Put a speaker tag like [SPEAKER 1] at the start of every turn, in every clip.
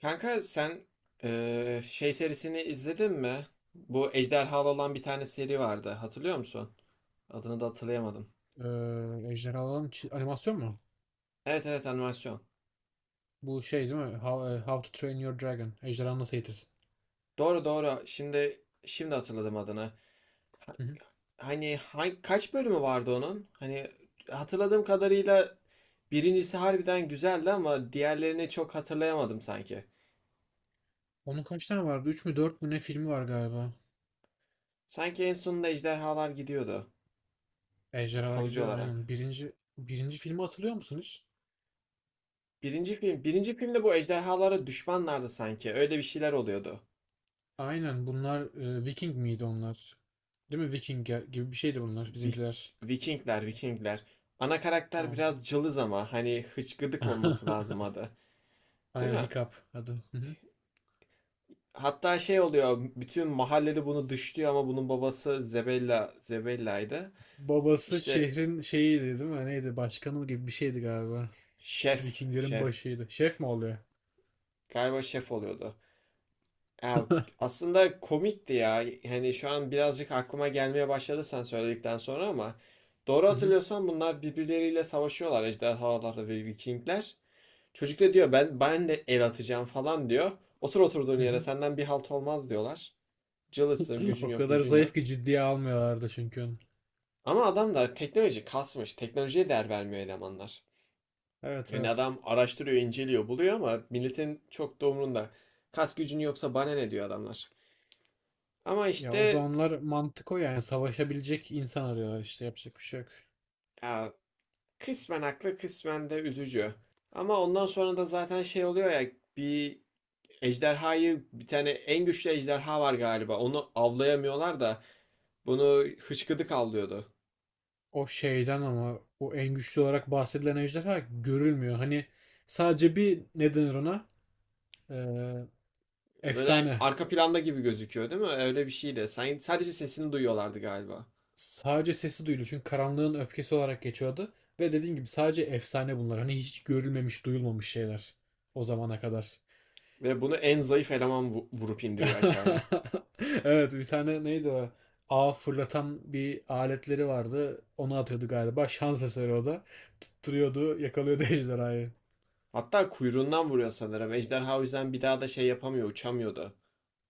[SPEAKER 1] Kanka, sen şey serisini izledin mi? Bu ejderhalı olan bir tane seri vardı. Hatırlıyor musun? Adını da hatırlayamadım.
[SPEAKER 2] Ee, ejderhaların animasyon mu?
[SPEAKER 1] Evet, evet, animasyon.
[SPEAKER 2] Bu şey değil mi? How to Train Your Dragon. Ejderhanı nasıl eğitirsin?
[SPEAKER 1] Doğru, doğru. Şimdi hatırladım adını. Ha-
[SPEAKER 2] Hı hı.
[SPEAKER 1] Hani, kaç bölümü vardı onun? Hani, hatırladığım kadarıyla birincisi harbiden güzeldi ama diğerlerini çok hatırlayamadım sanki.
[SPEAKER 2] Onun kaç tane vardı? 3 mü dört mü ne filmi var galiba.
[SPEAKER 1] Sanki en sonunda ejderhalar gidiyordu
[SPEAKER 2] Ejderhalar
[SPEAKER 1] kalıcı
[SPEAKER 2] gidiyor
[SPEAKER 1] olarak.
[SPEAKER 2] aynen. Birinci filmi hatırlıyor musun hiç?
[SPEAKER 1] Birinci filmde bu ejderhalara düşmanlardı sanki. Öyle bir şeyler oluyordu.
[SPEAKER 2] Aynen bunlar Viking miydi onlar? Değil mi? Viking gibi bir şeydi bunlar
[SPEAKER 1] Vi-
[SPEAKER 2] bizimkiler.
[SPEAKER 1] Vikingler, Vikingler. Ana karakter
[SPEAKER 2] Tamam.
[SPEAKER 1] biraz cılız ama hani, hıçkıdık olması lazım adı. Değil
[SPEAKER 2] Aynen
[SPEAKER 1] mi?
[SPEAKER 2] Hiccup adı. Hı hı.
[SPEAKER 1] Hatta şey oluyor, bütün mahallede bunu dışlıyor ama bunun babası Zebella'ydı.
[SPEAKER 2] Babası
[SPEAKER 1] İşte,
[SPEAKER 2] şehrin şeyiydi değil mi? Neydi? Başkanı gibi bir şeydi galiba.
[SPEAKER 1] şef,
[SPEAKER 2] Vikinglerin
[SPEAKER 1] şef.
[SPEAKER 2] başıydı. Şef mi oluyor?
[SPEAKER 1] Galiba şef oluyordu. Ya, aslında komikti ya. Hani, şu an birazcık aklıma gelmeye başladı sen söyledikten sonra ama doğru
[SPEAKER 2] Hı hı.
[SPEAKER 1] hatırlıyorsam bunlar birbirleriyle savaşıyorlar ejderhalarla ve Vikingler. Çocuk da diyor ben de el atacağım falan diyor. Oturduğun
[SPEAKER 2] Hı
[SPEAKER 1] yere
[SPEAKER 2] hı.
[SPEAKER 1] senden bir halt olmaz diyorlar. Cılızsın, gücün
[SPEAKER 2] O
[SPEAKER 1] yok,
[SPEAKER 2] kadar
[SPEAKER 1] gücün yok.
[SPEAKER 2] zayıf ki ciddiye almıyorlardı onu.
[SPEAKER 1] Ama adam da teknoloji kasmış. Teknolojiye değer vermiyor elemanlar.
[SPEAKER 2] Evet
[SPEAKER 1] Yani
[SPEAKER 2] evet.
[SPEAKER 1] adam araştırıyor, inceliyor, buluyor ama milletin çok da umrunda. Kas gücün yoksa bana ne diyor adamlar. Ama
[SPEAKER 2] Ya o
[SPEAKER 1] işte,
[SPEAKER 2] zamanlar mantık o, yani savaşabilecek insan arıyorlar işte, yapacak bir şey yok.
[SPEAKER 1] ya, kısmen haklı, kısmen de üzücü. Ama ondan sonra da zaten şey oluyor ya, bir bir tane en güçlü ejderha var galiba. Onu avlayamıyorlar da bunu hıçkıdık avlıyordu.
[SPEAKER 2] O şeyden, ama o en güçlü olarak bahsedilen ejderha görülmüyor. Hani sadece bir, ne denir ona? Ee,
[SPEAKER 1] Böyle
[SPEAKER 2] Efsane.
[SPEAKER 1] arka planda gibi gözüküyor değil mi? Öyle bir şeydi. Sen, sadece sesini duyuyorlardı galiba.
[SPEAKER 2] Sadece sesi duyuluyor çünkü karanlığın öfkesi olarak geçiyordu. Ve dediğim gibi sadece efsane bunlar. Hani hiç görülmemiş, duyulmamış şeyler o zamana kadar.
[SPEAKER 1] Ve bunu en zayıf eleman vurup indiriyor aşağıya.
[SPEAKER 2] Evet, bir tane neydi o? Ağ fırlatan bir aletleri vardı. Onu atıyordu galiba. Şans eseri o da. Tutturuyordu, yakalıyordu ejderhayı.
[SPEAKER 1] Hatta kuyruğundan vuruyor sanırım. Ejderha o yüzden bir daha da şey yapamıyor, uçamıyordu.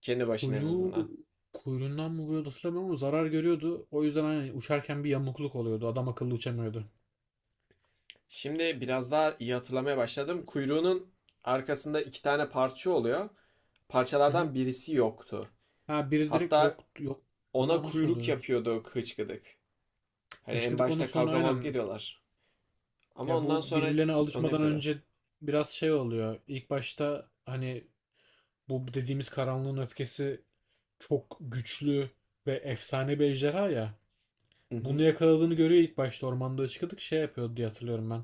[SPEAKER 1] Kendi başına en
[SPEAKER 2] Kuyruğu
[SPEAKER 1] azından.
[SPEAKER 2] kuyruğundan mı vuruyordu hatırlamıyorum, ama zarar görüyordu. O yüzden hani uçarken bir yamukluk oluyordu. Adam akıllı uçamıyordu.
[SPEAKER 1] Şimdi biraz daha iyi hatırlamaya başladım. Kuyruğunun arkasında iki tane parça oluyor.
[SPEAKER 2] Hı hı.
[SPEAKER 1] Parçalardan birisi yoktu.
[SPEAKER 2] Ha, biri direkt
[SPEAKER 1] Hatta
[SPEAKER 2] yok yok, ama
[SPEAKER 1] ona
[SPEAKER 2] o nasıl
[SPEAKER 1] kuyruk
[SPEAKER 2] oluyordu?
[SPEAKER 1] yapıyordu hıçkıdık. Hani, en
[SPEAKER 2] Hıçkıdık ona
[SPEAKER 1] başta
[SPEAKER 2] sonra
[SPEAKER 1] kavga mavga
[SPEAKER 2] aynen.
[SPEAKER 1] ediyorlar. Ama
[SPEAKER 2] Ya,
[SPEAKER 1] ondan
[SPEAKER 2] bu
[SPEAKER 1] sonra
[SPEAKER 2] birbirlerine
[SPEAKER 1] onu
[SPEAKER 2] alışmadan
[SPEAKER 1] yapıyordu.
[SPEAKER 2] önce biraz şey oluyor. İlk başta hani bu dediğimiz karanlığın öfkesi çok güçlü ve efsane bir ejderha ya.
[SPEAKER 1] Hı
[SPEAKER 2] Bunu
[SPEAKER 1] hı.
[SPEAKER 2] yakaladığını görüyor ilk başta, ormanda çıkıyorduk şey yapıyordu diye hatırlıyorum ben.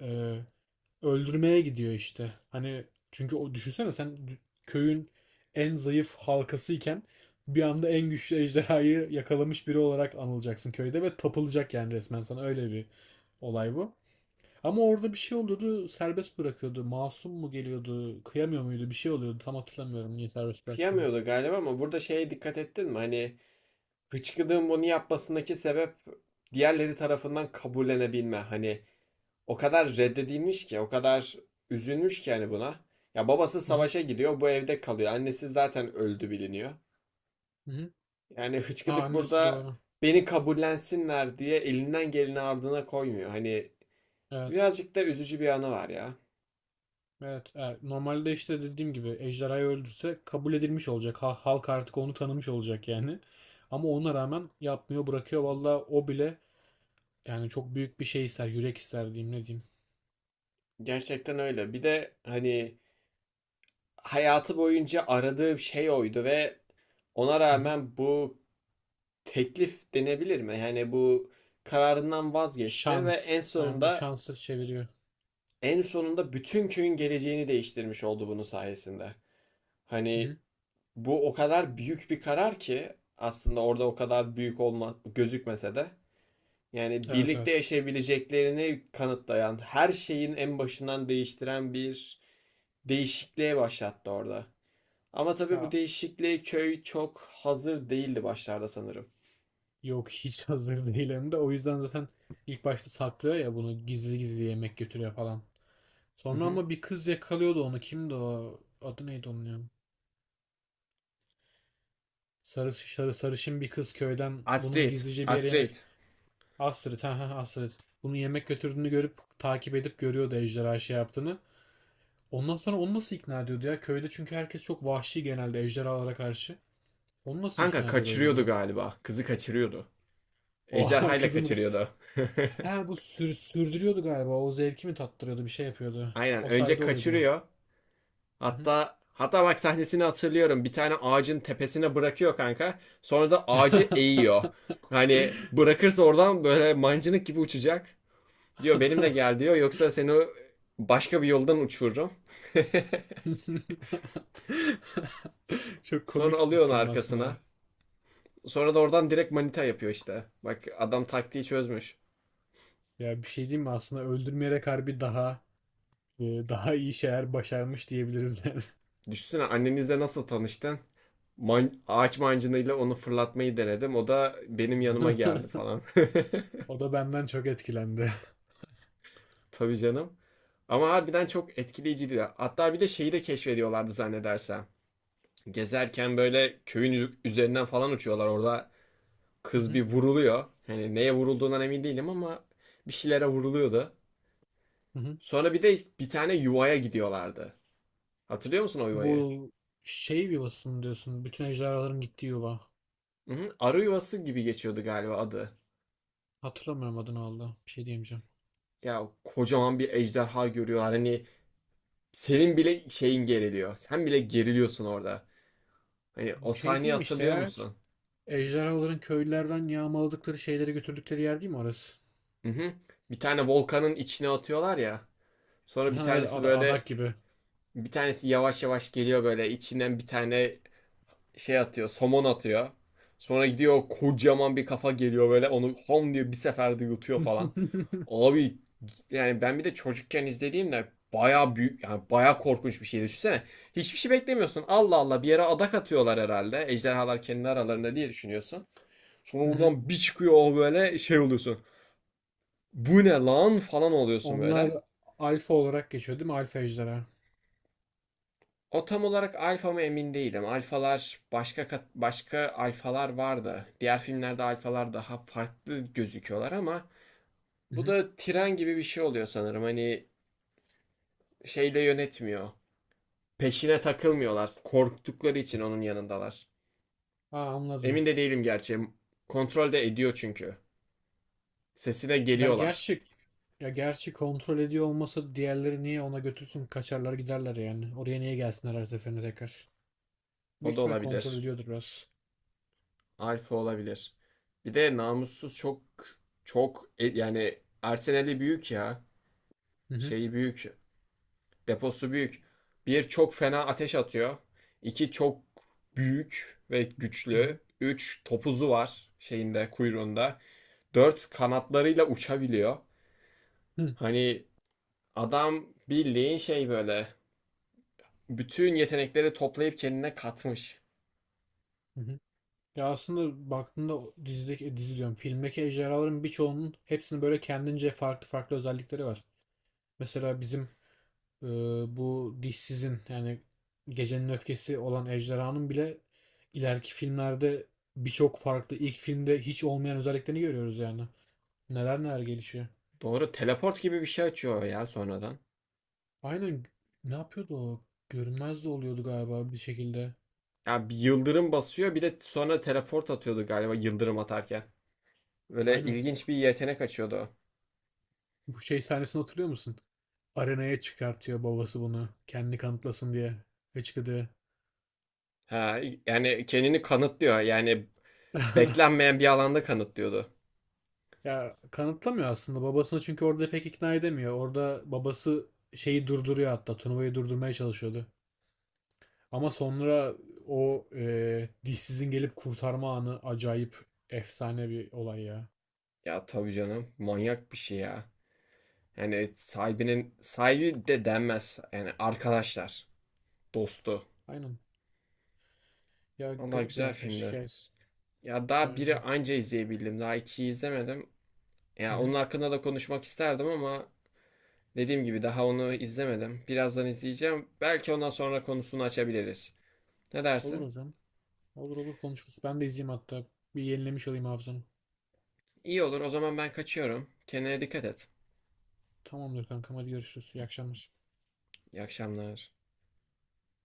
[SPEAKER 2] Ee, Öldürmeye gidiyor işte. Hani çünkü o, düşünsene sen köyün en zayıf halkasıyken bir anda en güçlü ejderhayı yakalamış biri olarak anılacaksın köyde ve tapılacak, yani resmen sana öyle bir olay bu. Ama orada bir şey oluyordu, serbest bırakıyordu. Masum mu geliyordu, kıyamıyor muydu? Bir şey oluyordu. Tam hatırlamıyorum niye serbest bıraktığını.
[SPEAKER 1] Kıyamıyordu galiba ama burada şeye dikkat ettin mi? Hani, hıçkırığın bunu yapmasındaki sebep diğerleri tarafından kabullenebilme. Hani, o kadar reddedilmiş ki, o kadar üzülmüş ki yani buna. Ya, babası
[SPEAKER 2] Hı hı.
[SPEAKER 1] savaşa gidiyor, bu evde kalıyor. Annesi zaten öldü biliniyor.
[SPEAKER 2] Hı hı.
[SPEAKER 1] Yani
[SPEAKER 2] Aa,
[SPEAKER 1] hıçkıdık
[SPEAKER 2] annesi
[SPEAKER 1] burada
[SPEAKER 2] doğru.
[SPEAKER 1] beni kabullensinler diye elinden geleni ardına koymuyor. Hani,
[SPEAKER 2] Evet.
[SPEAKER 1] birazcık da üzücü bir anı var ya.
[SPEAKER 2] Evet, evet. Normalde işte dediğim gibi ejderhayı öldürse kabul edilmiş olacak. Halk artık onu tanımış olacak yani. Ama ona rağmen yapmıyor, bırakıyor. Valla o bile, yani çok büyük bir şey ister. Yürek ister diyeyim, ne diyeyim.
[SPEAKER 1] Gerçekten öyle. Bir de hani, hayatı boyunca aradığı şey oydu ve ona
[SPEAKER 2] Hı hı.
[SPEAKER 1] rağmen bu teklif denebilir mi? Yani bu kararından vazgeçti ve
[SPEAKER 2] Şans.
[SPEAKER 1] en
[SPEAKER 2] Yani bu
[SPEAKER 1] sonunda
[SPEAKER 2] şansı çeviriyor.
[SPEAKER 1] en sonunda bütün köyün geleceğini değiştirmiş oldu bunun sayesinde.
[SPEAKER 2] Hı
[SPEAKER 1] Hani,
[SPEAKER 2] hı.
[SPEAKER 1] bu o kadar büyük bir karar ki aslında orada o kadar büyük olma gözükmese de yani
[SPEAKER 2] Evet
[SPEAKER 1] birlikte
[SPEAKER 2] evet.
[SPEAKER 1] yaşayabileceklerini kanıtlayan, her şeyin en başından değiştiren bir değişikliğe başlattı orada. Ama tabii bu
[SPEAKER 2] Ya,
[SPEAKER 1] değişikliğe köy çok hazır değildi başlarda sanırım.
[SPEAKER 2] yok hiç hazır değil hem de. O yüzden zaten ilk başta saklıyor ya, bunu gizli gizli yemek götürüyor falan.
[SPEAKER 1] Hı
[SPEAKER 2] Sonra
[SPEAKER 1] hı.
[SPEAKER 2] ama bir kız yakalıyordu onu. Kimdi o? Adı neydi onun ya? Sarışın bir kız köyden bunun
[SPEAKER 1] Astrid,
[SPEAKER 2] gizlice bir yere yemek...
[SPEAKER 1] Astrid.
[SPEAKER 2] Astrid, ha ha Astrid. Bunu yemek götürdüğünü görüp takip edip görüyordu ejderha şey yaptığını. Ondan sonra onu nasıl ikna ediyordu ya? Köyde çünkü herkes çok vahşi genelde ejderhalara karşı. Onu nasıl
[SPEAKER 1] Kanka,
[SPEAKER 2] ikna ediyordu acaba?
[SPEAKER 1] kaçırıyordu galiba. Kızı kaçırıyordu.
[SPEAKER 2] Oha
[SPEAKER 1] Ejderhayla
[SPEAKER 2] kızım.
[SPEAKER 1] kaçırıyordu.
[SPEAKER 2] Ha, bu sürdürüyordu galiba. O zevki mi tattırıyordu? Bir şey yapıyordu.
[SPEAKER 1] Aynen.
[SPEAKER 2] O
[SPEAKER 1] Önce
[SPEAKER 2] sayede oluyordu.
[SPEAKER 1] kaçırıyor.
[SPEAKER 2] Hı hı.
[SPEAKER 1] Hatta bak, sahnesini hatırlıyorum. Bir tane ağacın tepesine bırakıyor kanka. Sonra da ağacı eğiyor. Hani, bırakırsa oradan böyle mancınık gibi uçacak. Diyor benimle gel diyor. Yoksa seni başka bir yoldan uçururum.
[SPEAKER 2] Çok
[SPEAKER 1] Sonra
[SPEAKER 2] komik
[SPEAKER 1] alıyor onu
[SPEAKER 2] film aslında.
[SPEAKER 1] arkasına. Sonra da oradan direkt manita yapıyor işte. Bak, adam taktiği çözmüş.
[SPEAKER 2] Ya, bir şey diyeyim mi, aslında öldürmeyerek harbi daha iyi şeyler başarmış diyebiliriz yani.
[SPEAKER 1] Düşünsene, annenizle nasıl tanıştın? Ağaç mancınıyla onu fırlatmayı denedim. O da benim yanıma geldi falan.
[SPEAKER 2] O da benden çok etkilendi.
[SPEAKER 1] Tabii canım. Ama harbiden çok etkileyiciydi. Hatta bir de şeyi de keşfediyorlardı zannedersem. Gezerken böyle köyün üzerinden falan uçuyorlar. Orada
[SPEAKER 2] Hı
[SPEAKER 1] kız
[SPEAKER 2] hı,
[SPEAKER 1] bir vuruluyor. Hani, neye vurulduğundan emin değilim ama bir şeylere vuruluyordu.
[SPEAKER 2] hı hı.
[SPEAKER 1] Sonra bir de bir tane yuvaya gidiyorlardı. Hatırlıyor musun o yuvayı?
[SPEAKER 2] Bu şey yuvası mı diyorsun? Bütün ejderhaların gittiği yuva.
[SPEAKER 1] Hı hı. Arı yuvası gibi geçiyordu galiba adı.
[SPEAKER 2] Hatırlamıyorum adını aldı. Bir şey diyemeyeceğim.
[SPEAKER 1] Ya, kocaman bir ejderha görüyorlar. Hani, senin bile şeyin geriliyor. Sen bile geriliyorsun orada. Hani,
[SPEAKER 2] Bu
[SPEAKER 1] o
[SPEAKER 2] şey
[SPEAKER 1] sahneyi
[SPEAKER 2] değil mi işte
[SPEAKER 1] hatırlıyor
[SPEAKER 2] ya?
[SPEAKER 1] musun?
[SPEAKER 2] Ejderhaların köylülerden yağmaladıkları şeyleri götürdükleri yer değil mi orası?
[SPEAKER 1] Hı hı. Bir tane volkanın içine atıyorlar ya. Sonra
[SPEAKER 2] Ha, evet, ad- adak gibi.
[SPEAKER 1] bir tanesi yavaş yavaş geliyor, böyle içinden bir tane şey atıyor, somon atıyor. Sonra gidiyor, kocaman bir kafa geliyor böyle, onu hom diyor bir seferde yutuyor falan. Abi, yani ben bir de çocukken izlediğimde baya büyük, yani baya korkunç bir şey düşünsene. Hiçbir şey beklemiyorsun. Allah Allah, bir yere adak atıyorlar herhalde. Ejderhalar kendi aralarında diye düşünüyorsun. Sonra
[SPEAKER 2] Hı hı.
[SPEAKER 1] oradan bir çıkıyor o, böyle şey oluyorsun. Bu ne lan falan oluyorsun
[SPEAKER 2] Onlar
[SPEAKER 1] böyle.
[SPEAKER 2] alfa olarak geçiyor değil mi? Alfa ejderha.
[SPEAKER 1] O tam olarak alfa mı emin değilim. Alfalar başka, başka alfalar vardı. Diğer filmlerde alfalar daha farklı gözüküyorlar ama
[SPEAKER 2] Hı
[SPEAKER 1] bu
[SPEAKER 2] hı.
[SPEAKER 1] da tren gibi bir şey oluyor sanırım. Hani, şeyle yönetmiyor. Peşine takılmıyorlar. Korktukları için onun yanındalar.
[SPEAKER 2] Ha,
[SPEAKER 1] Emin
[SPEAKER 2] anladım.
[SPEAKER 1] de değilim gerçi. Kontrol de ediyor çünkü. Sesine
[SPEAKER 2] Ben,
[SPEAKER 1] geliyorlar.
[SPEAKER 2] gerçi Ya, gerçi kontrol ediyor olmasa diğerleri niye ona götürsün, kaçarlar giderler yani. Oraya niye gelsinler her seferinde tekrar.
[SPEAKER 1] O
[SPEAKER 2] Büyük
[SPEAKER 1] da
[SPEAKER 2] ihtimal kontrol
[SPEAKER 1] olabilir.
[SPEAKER 2] ediyordur biraz.
[SPEAKER 1] Alfa olabilir. Bir de namussuz çok çok yani Arsenal'i büyük ya.
[SPEAKER 2] Hı hı
[SPEAKER 1] Şeyi büyük. Deposu büyük. Bir, çok fena ateş atıyor. İki, çok büyük ve
[SPEAKER 2] hı hı
[SPEAKER 1] güçlü. Üç, topuzu var şeyinde kuyruğunda. Dört, kanatlarıyla uçabiliyor.
[SPEAKER 2] hı
[SPEAKER 1] Hani adam bildiğin şey böyle bütün yetenekleri toplayıp kendine katmış.
[SPEAKER 2] hı. Hı. Ya aslında baktığında o dizideki, dizi diyorum filmdeki ejderhaların birçoğunun, hepsinin böyle kendince farklı farklı özellikleri var. Mesela bizim e, bu dişsizin, yani gecenin öfkesi olan ejderhanın bile ileriki filmlerde birçok farklı, ilk filmde hiç olmayan özelliklerini görüyoruz yani. Neler neler gelişiyor.
[SPEAKER 1] Doğru, teleport gibi bir şey açıyor ya sonradan.
[SPEAKER 2] Aynen, ne yapıyordu o? Görünmez de oluyordu galiba bir şekilde.
[SPEAKER 1] Ya bir yıldırım basıyor bir de sonra teleport atıyordu galiba yıldırım atarken. Böyle
[SPEAKER 2] Aynen.
[SPEAKER 1] ilginç bir yetenek açıyordu.
[SPEAKER 2] Bu şey sahnesini hatırlıyor musun? Arenaya çıkartıyor babası bunu. Kendini kanıtlasın diye. Ve çıkıyor.
[SPEAKER 1] Ha, yani kendini kanıtlıyor. Yani beklenmeyen bir alanda kanıtlıyordu.
[SPEAKER 2] Ya kanıtlamıyor aslında babasını çünkü orada pek ikna edemiyor. Orada babası şeyi durduruyor, hatta turnuvayı durdurmaya çalışıyordu. Ama sonra o dişsizin gelip kurtarma anı acayip efsane bir olay ya.
[SPEAKER 1] Ya, tabii canım, manyak bir şey ya. Yani sahibinin sahibi de denmez. Yani arkadaşlar, dostu.
[SPEAKER 2] Aynen. Ya
[SPEAKER 1] Allah,
[SPEAKER 2] garip bir
[SPEAKER 1] güzel
[SPEAKER 2] arkadaş
[SPEAKER 1] filmdi.
[SPEAKER 2] hikayesi.
[SPEAKER 1] Ya daha
[SPEAKER 2] Güzel
[SPEAKER 1] biri
[SPEAKER 2] güzel.
[SPEAKER 1] anca izleyebildim. Daha ikiyi izlemedim.
[SPEAKER 2] Hı
[SPEAKER 1] Ya
[SPEAKER 2] hı.
[SPEAKER 1] onun hakkında da konuşmak isterdim ama dediğim gibi daha onu izlemedim. Birazdan izleyeceğim. Belki ondan sonra konusunu açabiliriz. Ne
[SPEAKER 2] Olur
[SPEAKER 1] dersin?
[SPEAKER 2] hocam. Olur olur, konuşuruz. Ben de izleyeyim hatta. Bir yenilemiş alayım hafızamı.
[SPEAKER 1] İyi olur. O zaman ben kaçıyorum. Kendine dikkat et.
[SPEAKER 2] Tamamdır kankam, hadi görüşürüz. İyi akşamlar.
[SPEAKER 1] İyi akşamlar.